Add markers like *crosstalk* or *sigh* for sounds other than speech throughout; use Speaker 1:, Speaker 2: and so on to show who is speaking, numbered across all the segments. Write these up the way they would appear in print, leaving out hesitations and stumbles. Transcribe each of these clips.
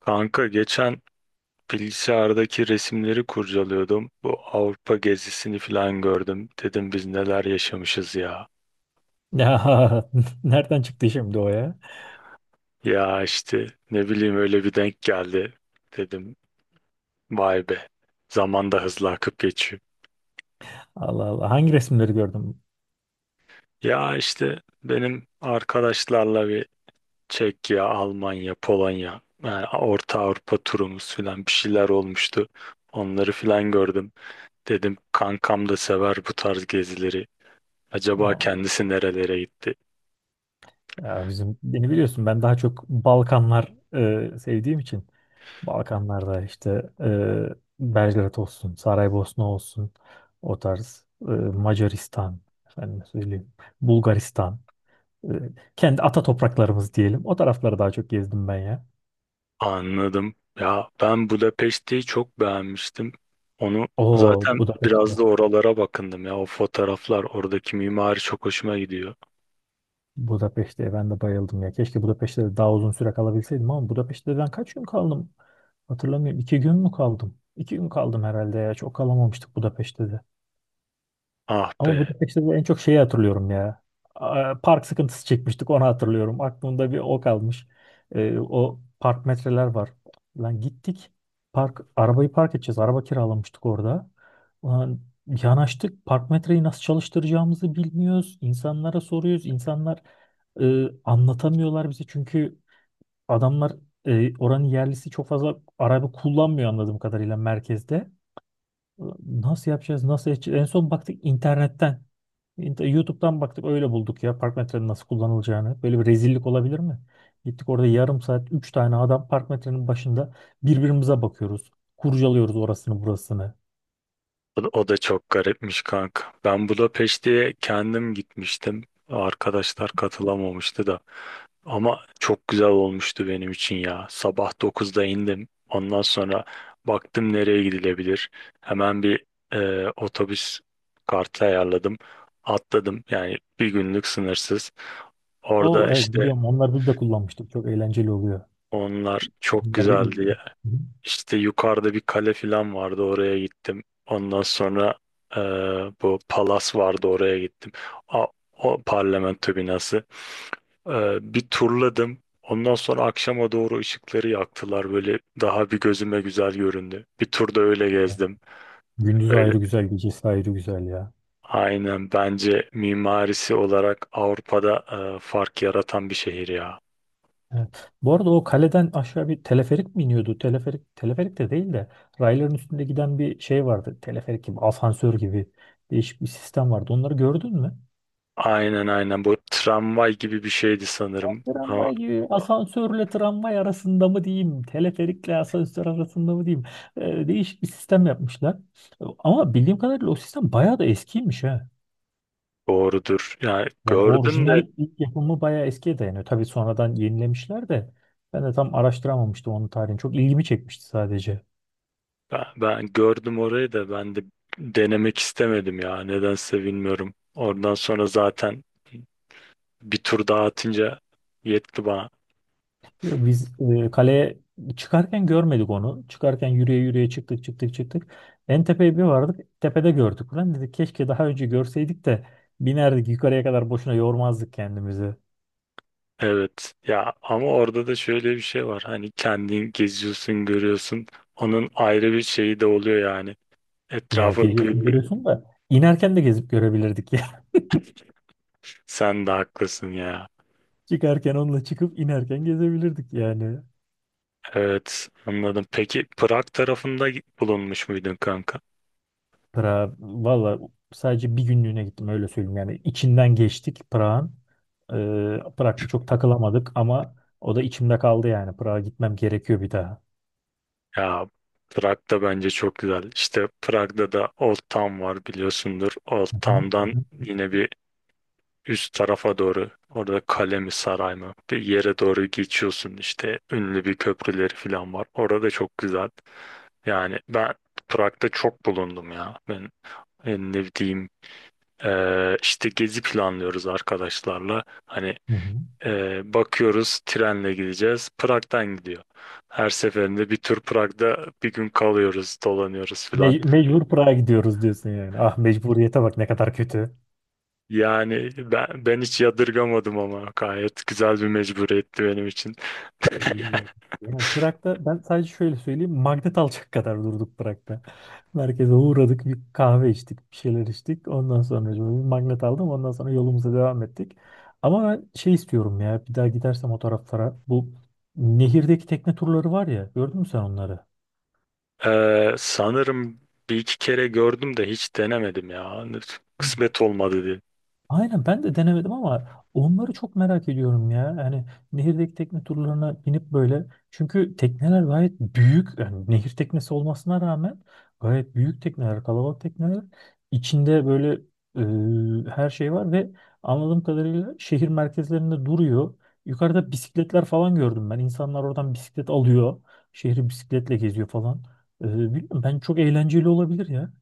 Speaker 1: Kanka geçen bilgisayardaki resimleri kurcalıyordum. Bu Avrupa gezisini falan gördüm. Dedim biz neler yaşamışız ya.
Speaker 2: Ya *laughs* nereden çıktı şimdi o ya?
Speaker 1: Ya işte ne bileyim öyle bir denk geldi. Dedim vay be. Zaman da hızlı akıp geçiyor.
Speaker 2: Allah Allah. Hangi resimleri gördüm?
Speaker 1: Ya işte benim arkadaşlarla bir Çekya, Almanya, Polonya, yani Orta Avrupa turumuz falan bir şeyler olmuştu. Onları falan gördüm. Dedim kankam da sever bu tarz gezileri. Acaba
Speaker 2: Aa,
Speaker 1: kendisi nerelere gitti?
Speaker 2: Ya bizim, beni biliyorsun, ben daha çok Balkanlar, sevdiğim için Balkanlarda işte, e, Belgrad olsun, Saraybosna olsun, o tarz, Macaristan, efendim söyleyeyim, Bulgaristan, e, kendi ata topraklarımız diyelim. O tarafları daha çok gezdim ben ya.
Speaker 1: Anladım. Ya ben Budapeşte'yi çok beğenmiştim. Onu
Speaker 2: Oo,
Speaker 1: zaten biraz
Speaker 2: Budapeşte.
Speaker 1: da oralara bakındım ya. O fotoğraflar, oradaki mimari çok hoşuma gidiyor.
Speaker 2: Budapeşte'ye ben de bayıldım ya. Keşke Budapeşte'de de daha uzun süre kalabilseydim, ama Budapeşte'de ben kaç gün kaldım? Hatırlamıyorum. 2 gün mü kaldım? 2 gün kaldım herhalde ya. Çok kalamamıştık Budapeşte'de.
Speaker 1: Ah
Speaker 2: Ama
Speaker 1: be.
Speaker 2: Budapeşte'de en çok şeyi hatırlıyorum ya. Park sıkıntısı çekmiştik, onu hatırlıyorum. Aklımda bir o kalmış. O park metreler var. Lan gittik. Park, arabayı park edeceğiz. Araba kiralamıştık orada. Ulan, yanaştık. Park metreyi nasıl çalıştıracağımızı bilmiyoruz. İnsanlara soruyoruz. İnsanlar anlatamıyorlar bize, çünkü adamlar, oranın yerlisi çok fazla araba kullanmıyor anladığım kadarıyla merkezde. Nasıl yapacağız? Nasıl edeceğiz? En son baktık internetten. YouTube'dan baktık, öyle bulduk ya park metrenin nasıl kullanılacağını. Böyle bir rezillik olabilir mi? Gittik orada yarım saat 3 tane adam park metrenin başında birbirimize bakıyoruz. Kurcalıyoruz orasını burasını.
Speaker 1: O da, o da çok garipmiş kanka. Ben Budapeşte'ye kendim gitmiştim. Arkadaşlar katılamamıştı da. Ama çok güzel olmuştu benim için ya. Sabah dokuzda indim. Ondan sonra baktım nereye gidilebilir. Hemen bir otobüs kartı ayarladım. Atladım. Yani bir günlük sınırsız. Orada
Speaker 2: O, evet,
Speaker 1: işte
Speaker 2: biliyorum, onlar biz de kullanmıştık. Çok eğlenceli oluyor.
Speaker 1: onlar çok
Speaker 2: Bunlar da
Speaker 1: güzeldi
Speaker 2: iyi.
Speaker 1: ya.
Speaker 2: Hı hı.
Speaker 1: İşte yukarıda bir kale falan vardı. Oraya gittim. Ondan sonra e, bu palas vardı. Oraya gittim. A- O parlamento binası. Bir turladım. Ondan sonra akşama doğru ışıkları yaktılar. Böyle daha bir gözüme güzel göründü. Bir turda öyle gezdim.
Speaker 2: Gündüz
Speaker 1: Öyle.
Speaker 2: ayrı güzel, gecesi ayrı güzel ya.
Speaker 1: Aynen bence mimarisi olarak Avrupa'da fark yaratan bir şehir ya.
Speaker 2: Evet. Bu arada o kaleden aşağı bir teleferik mi iniyordu? Teleferik, teleferik de değil de rayların üstünde giden bir şey vardı. Teleferik gibi, asansör gibi, değişik bir sistem vardı. Onları gördün mü?
Speaker 1: Aynen aynen, bu tramvay gibi bir şeydi sanırım. Ama
Speaker 2: Tramvay, asansörle tramvay arasında mı diyeyim? Teleferikle asansör arasında mı diyeyim? Değişik bir sistem yapmışlar. Ama bildiğim kadarıyla o sistem bayağı da eskiymiş ha.
Speaker 1: doğrudur. Yani
Speaker 2: Yani
Speaker 1: gördüm de
Speaker 2: orijinal ilk yapımı bayağı eskiye dayanıyor. Tabii sonradan yenilemişler de ben de tam araştıramamıştım onun tarihini. Çok ilgimi çekmişti sadece.
Speaker 1: ben gördüm orayı da, ben de denemek istemedim ya. Nedense bilmiyorum. Oradan sonra zaten bir tur daha atınca yetti bana.
Speaker 2: Ya biz, kaleye çıkarken görmedik onu. Çıkarken yürüye yürüye çıktık çıktık çıktık. En tepeye bir vardık. Tepede gördük. Lan dedik keşke daha önce görseydik de binerdik yukarıya kadar, boşuna yormazdık kendimizi.
Speaker 1: Evet ya, ama orada da şöyle bir şey var, hani kendin geziyorsun görüyorsun, onun ayrı bir şeyi de oluyor yani,
Speaker 2: Ya
Speaker 1: etrafı
Speaker 2: geliyorsun
Speaker 1: gri.
Speaker 2: görüyorsun da inerken de gezip görebilirdik ya. *laughs*
Speaker 1: Sen de haklısın ya.
Speaker 2: Çıkarken onunla çıkıp inerken gezebilirdik yani.
Speaker 1: Evet, anladım. Peki Prag tarafında bulunmuş muydun kanka?
Speaker 2: Prag, valla sadece bir günlüğüne gittim, öyle söyleyeyim yani. İçinden geçtik Prag'ın. Prag'da çok takılamadık, ama o da içimde kaldı yani. Prag'a gitmem gerekiyor bir daha.
Speaker 1: Ya Prag da bence çok güzel. İşte Prag'da da Old Town var, biliyorsundur. Old
Speaker 2: Hı hı,
Speaker 1: Town'dan
Speaker 2: hı hı,
Speaker 1: yine bir üst tarafa doğru, orada kale mi saray mı bir yere doğru geçiyorsun. İşte ünlü bir köprüleri falan var, orada da çok güzel. Yani ben Prag'da çok bulundum ya. Ben ne diyeyim, işte gezi planlıyoruz arkadaşlarla. Hani
Speaker 2: hı hı.
Speaker 1: bakıyoruz trenle gideceğiz. Prag'dan gidiyor. Her seferinde bir tur Prag'da bir gün kalıyoruz, dolanıyoruz filan.
Speaker 2: Mecbur Prag'a gidiyoruz diyorsun yani. Ah, mecburiyete bak ne kadar kötü.
Speaker 1: Yani ben hiç yadırgamadım, ama gayet güzel bir mecburiyetti benim için. *laughs*
Speaker 2: Yani Prag'da ben sadece şöyle söyleyeyim. Magnet alacak kadar durduk Prag'da. *laughs* Merkeze uğradık, bir kahve içtik, bir şeyler içtik. Ondan sonra bir magnet aldım. Ondan sonra yolumuza devam ettik. Ama ben şey istiyorum ya. Bir daha gidersem o taraflara, bu nehirdeki tekne turları var ya. Gördün mü sen onları?
Speaker 1: Sanırım bir iki kere gördüm de hiç denemedim ya. Hani kısmet olmadı diye.
Speaker 2: Aynen, ben de denemedim, ama onları çok merak ediyorum ya. Yani nehirdeki tekne turlarına binip böyle. Çünkü tekneler gayet büyük. Yani nehir teknesi olmasına rağmen gayet büyük tekneler, kalabalık tekneler. İçinde böyle her şey var ve anladığım kadarıyla şehir merkezlerinde duruyor. Yukarıda bisikletler falan gördüm ben. İnsanlar oradan bisiklet alıyor. Şehri bisikletle geziyor falan. E, bilmiyorum, ben çok eğlenceli olabilir ya.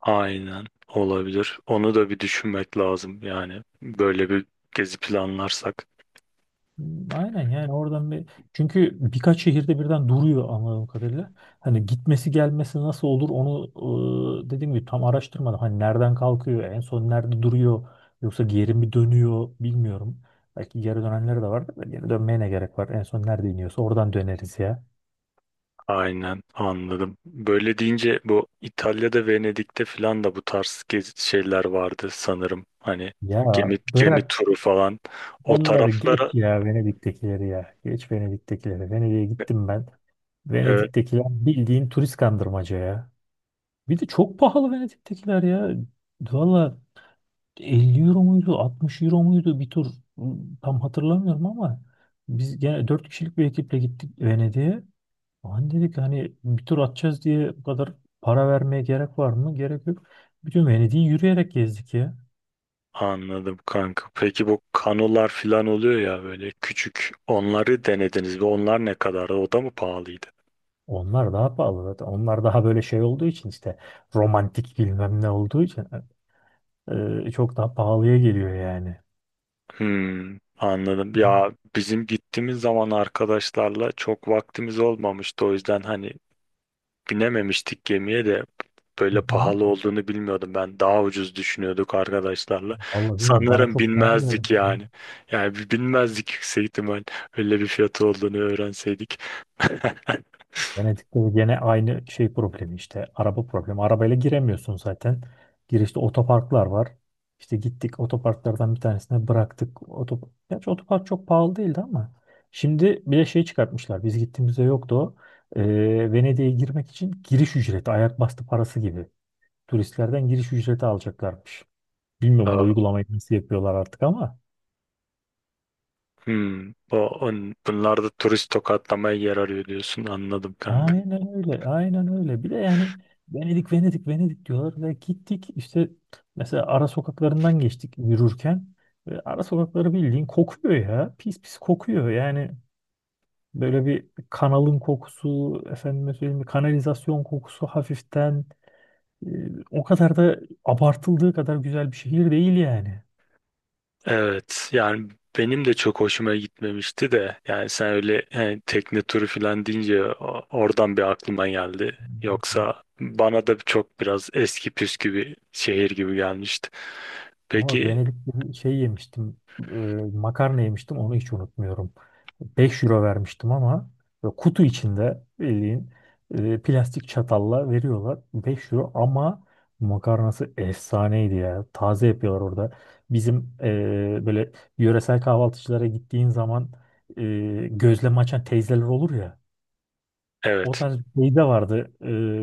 Speaker 1: Aynen, olabilir. Onu da bir düşünmek lazım yani, böyle bir gezi planlarsak.
Speaker 2: Hmm, aynen, yani oradan bir, çünkü birkaç şehirde birden duruyor anladığım kadarıyla. Hani gitmesi gelmesi nasıl olur onu, dediğim gibi, tam araştırmadım. Hani nereden kalkıyor, en son nerede duruyor, yoksa geri mi dönüyor, bilmiyorum. Belki geri dönenleri de vardır da geri dönmeye ne gerek var, en son nerede iniyorsa oradan döneriz ya.
Speaker 1: Aynen, anladım. Böyle deyince bu İtalya'da Venedik'te falan da bu tarz gezi şeyler vardı sanırım. Hani
Speaker 2: Ya
Speaker 1: gemi, gemi
Speaker 2: bırak
Speaker 1: turu falan. O
Speaker 2: onları,
Speaker 1: taraflara
Speaker 2: geç ya Venedik'tekileri, ya geç Venedik'tekileri. Venedik'e gittim ben.
Speaker 1: evet,
Speaker 2: Venedik'tekiler bildiğin turist kandırmaca ya. Bir de çok pahalı Venedik'tekiler ya. Valla 50 euro muydu, 60 euro muydu bir tur, tam hatırlamıyorum, ama biz gene 4 kişilik bir ekiple gittik Venedik'e. Lan dedik hani bir tur atacağız diye bu kadar para vermeye gerek var mı? Gerek yok. Bütün Venedik'i yürüyerek gezdik ya.
Speaker 1: anladım kanka. Peki bu kanolar falan oluyor ya, böyle küçük. Onları denediniz? Ve onlar ne kadardı? O da mı pahalıydı?
Speaker 2: Onlar daha pahalı zaten. Onlar daha böyle şey olduğu için işte, romantik bilmem ne olduğu için, çok daha pahalıya geliyor yani.
Speaker 1: Hmm, anladım. Ya bizim gittiğimiz zaman arkadaşlarla çok vaktimiz olmamıştı. O yüzden hani binememiştik gemiye de,
Speaker 2: Hı
Speaker 1: böyle
Speaker 2: hı.
Speaker 1: pahalı olduğunu bilmiyordum ben. Daha ucuz düşünüyorduk arkadaşlarla.
Speaker 2: Vallahi bilmiyorum, bana
Speaker 1: Sanırım
Speaker 2: çok pahalı
Speaker 1: binmezdik
Speaker 2: geldi.
Speaker 1: yani. Yani binmezdik yüksek ihtimal. Öyle bir fiyatı olduğunu öğrenseydik. *laughs*
Speaker 2: Venedik'te de gene aynı şey problemi işte. Araba problemi. Arabayla giremiyorsun zaten. Girişte otoparklar var. İşte gittik otoparklardan bir tanesine bıraktık. Gerçi otopark çok pahalı değildi ama. Şimdi bir de şey çıkartmışlar. Biz gittiğimizde yoktu o. Venedik'e girmek için giriş ücreti, ayak bastı parası gibi. Turistlerden giriş ücreti alacaklarmış. Bilmiyorum bu
Speaker 1: Aa,
Speaker 2: uygulamayı nasıl yapıyorlar artık ama.
Speaker 1: hmm, bunlar da turist tokatlamaya yer arıyor diyorsun. Anladım kanka.
Speaker 2: Aynen öyle, aynen öyle. Bir de yani Venedik, Venedik, Venedik diyorlar ve gittik işte, mesela ara sokaklarından geçtik yürürken ve ara sokakları bildiğin kokuyor ya. Pis pis kokuyor yani, böyle bir kanalın kokusu, efendime söyleyeyim bir kanalizasyon kokusu hafiften, e, o kadar da abartıldığı kadar güzel bir şehir değil yani.
Speaker 1: Evet yani benim de çok hoşuma gitmemişti de, yani sen öyle hani tekne turu falan deyince oradan bir aklıma geldi. Yoksa bana da çok biraz eski püskü bir şehir gibi gelmişti.
Speaker 2: Ama bak,
Speaker 1: Peki
Speaker 2: Venedik'te bir şey yemiştim. e, Makarna yemiştim. Onu hiç unutmuyorum. 5 euro vermiştim ama böyle kutu içinde, bildiğin, plastik çatalla veriyorlar. 5 euro, ama makarnası efsaneydi ya. Taze yapıyorlar orada. Bizim, böyle yöresel kahvaltıcılara gittiğin zaman, e, gözleme açan teyzeler olur ya. O
Speaker 1: evet.
Speaker 2: tarz bir şey de vardı,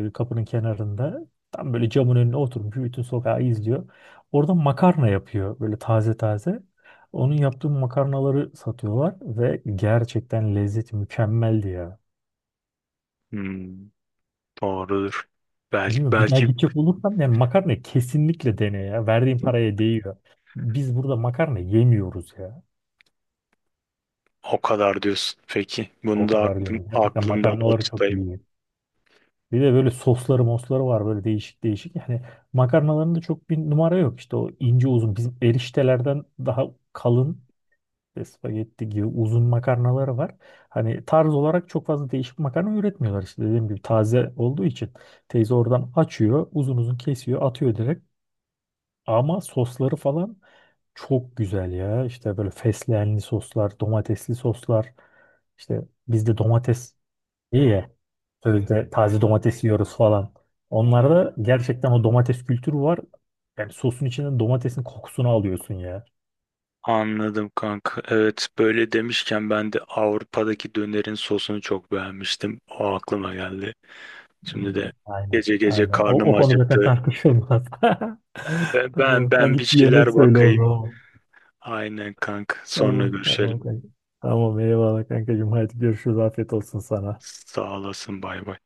Speaker 2: kapının kenarında. Tam böyle camın önüne oturmuş bütün sokağı izliyor. Orada makarna yapıyor böyle taze taze. Onun yaptığı makarnaları satıyorlar ve gerçekten lezzeti mükemmeldi ya.
Speaker 1: Hmm, doğrudur. Belki,
Speaker 2: Bilmiyorum, bir daha
Speaker 1: belki
Speaker 2: gidecek olursam yani makarna kesinlikle dene ya. Verdiğin paraya değiyor. Biz burada makarna yemiyoruz ya.
Speaker 1: o kadar diyorsun. Peki bunu
Speaker 2: O
Speaker 1: da
Speaker 2: kadar yani. Gerçekten
Speaker 1: aklımdan not
Speaker 2: makarnaları çok
Speaker 1: tutayım.
Speaker 2: iyi. Bir de böyle sosları mosları var, böyle değişik değişik. Yani makarnalarında çok bir numara yok. İşte o ince uzun bizim eriştelerden daha kalın ve spagetti gibi uzun makarnaları var. Hani tarz olarak çok fazla değişik makarna üretmiyorlar. İşte dediğim gibi taze olduğu için teyze oradan açıyor, uzun uzun kesiyor, atıyor direkt. Ama sosları falan çok güzel ya. İşte böyle fesleğenli soslar, domatesli soslar. İşte bizde domates, İyi ya. Sözde taze domates yiyoruz falan. Onlarda gerçekten o domates kültürü var. Yani sosun içinden domatesin kokusunu alıyorsun ya.
Speaker 1: Anladım kanka. Evet böyle demişken ben de Avrupa'daki dönerin sosunu çok beğenmiştim. O aklıma geldi. Şimdi
Speaker 2: Hmm.
Speaker 1: de
Speaker 2: Aynen.
Speaker 1: gece gece
Speaker 2: Aynen. O,
Speaker 1: karnım
Speaker 2: o konu zaten
Speaker 1: acıktı.
Speaker 2: tartışılmaz.
Speaker 1: Yani
Speaker 2: *laughs*
Speaker 1: Ben ben
Speaker 2: Tamam. Sen
Speaker 1: ben bir
Speaker 2: git yemek
Speaker 1: şeyler
Speaker 2: söyle o
Speaker 1: bakayım.
Speaker 2: zaman.
Speaker 1: Aynen kanka. Sonra
Speaker 2: Tamam.
Speaker 1: görüşelim.
Speaker 2: Tamam kanka. Tamam eyvallah kankacığım. Hadi görüşürüz. Afiyet olsun sana.
Speaker 1: Sağ olasın. Bay bay.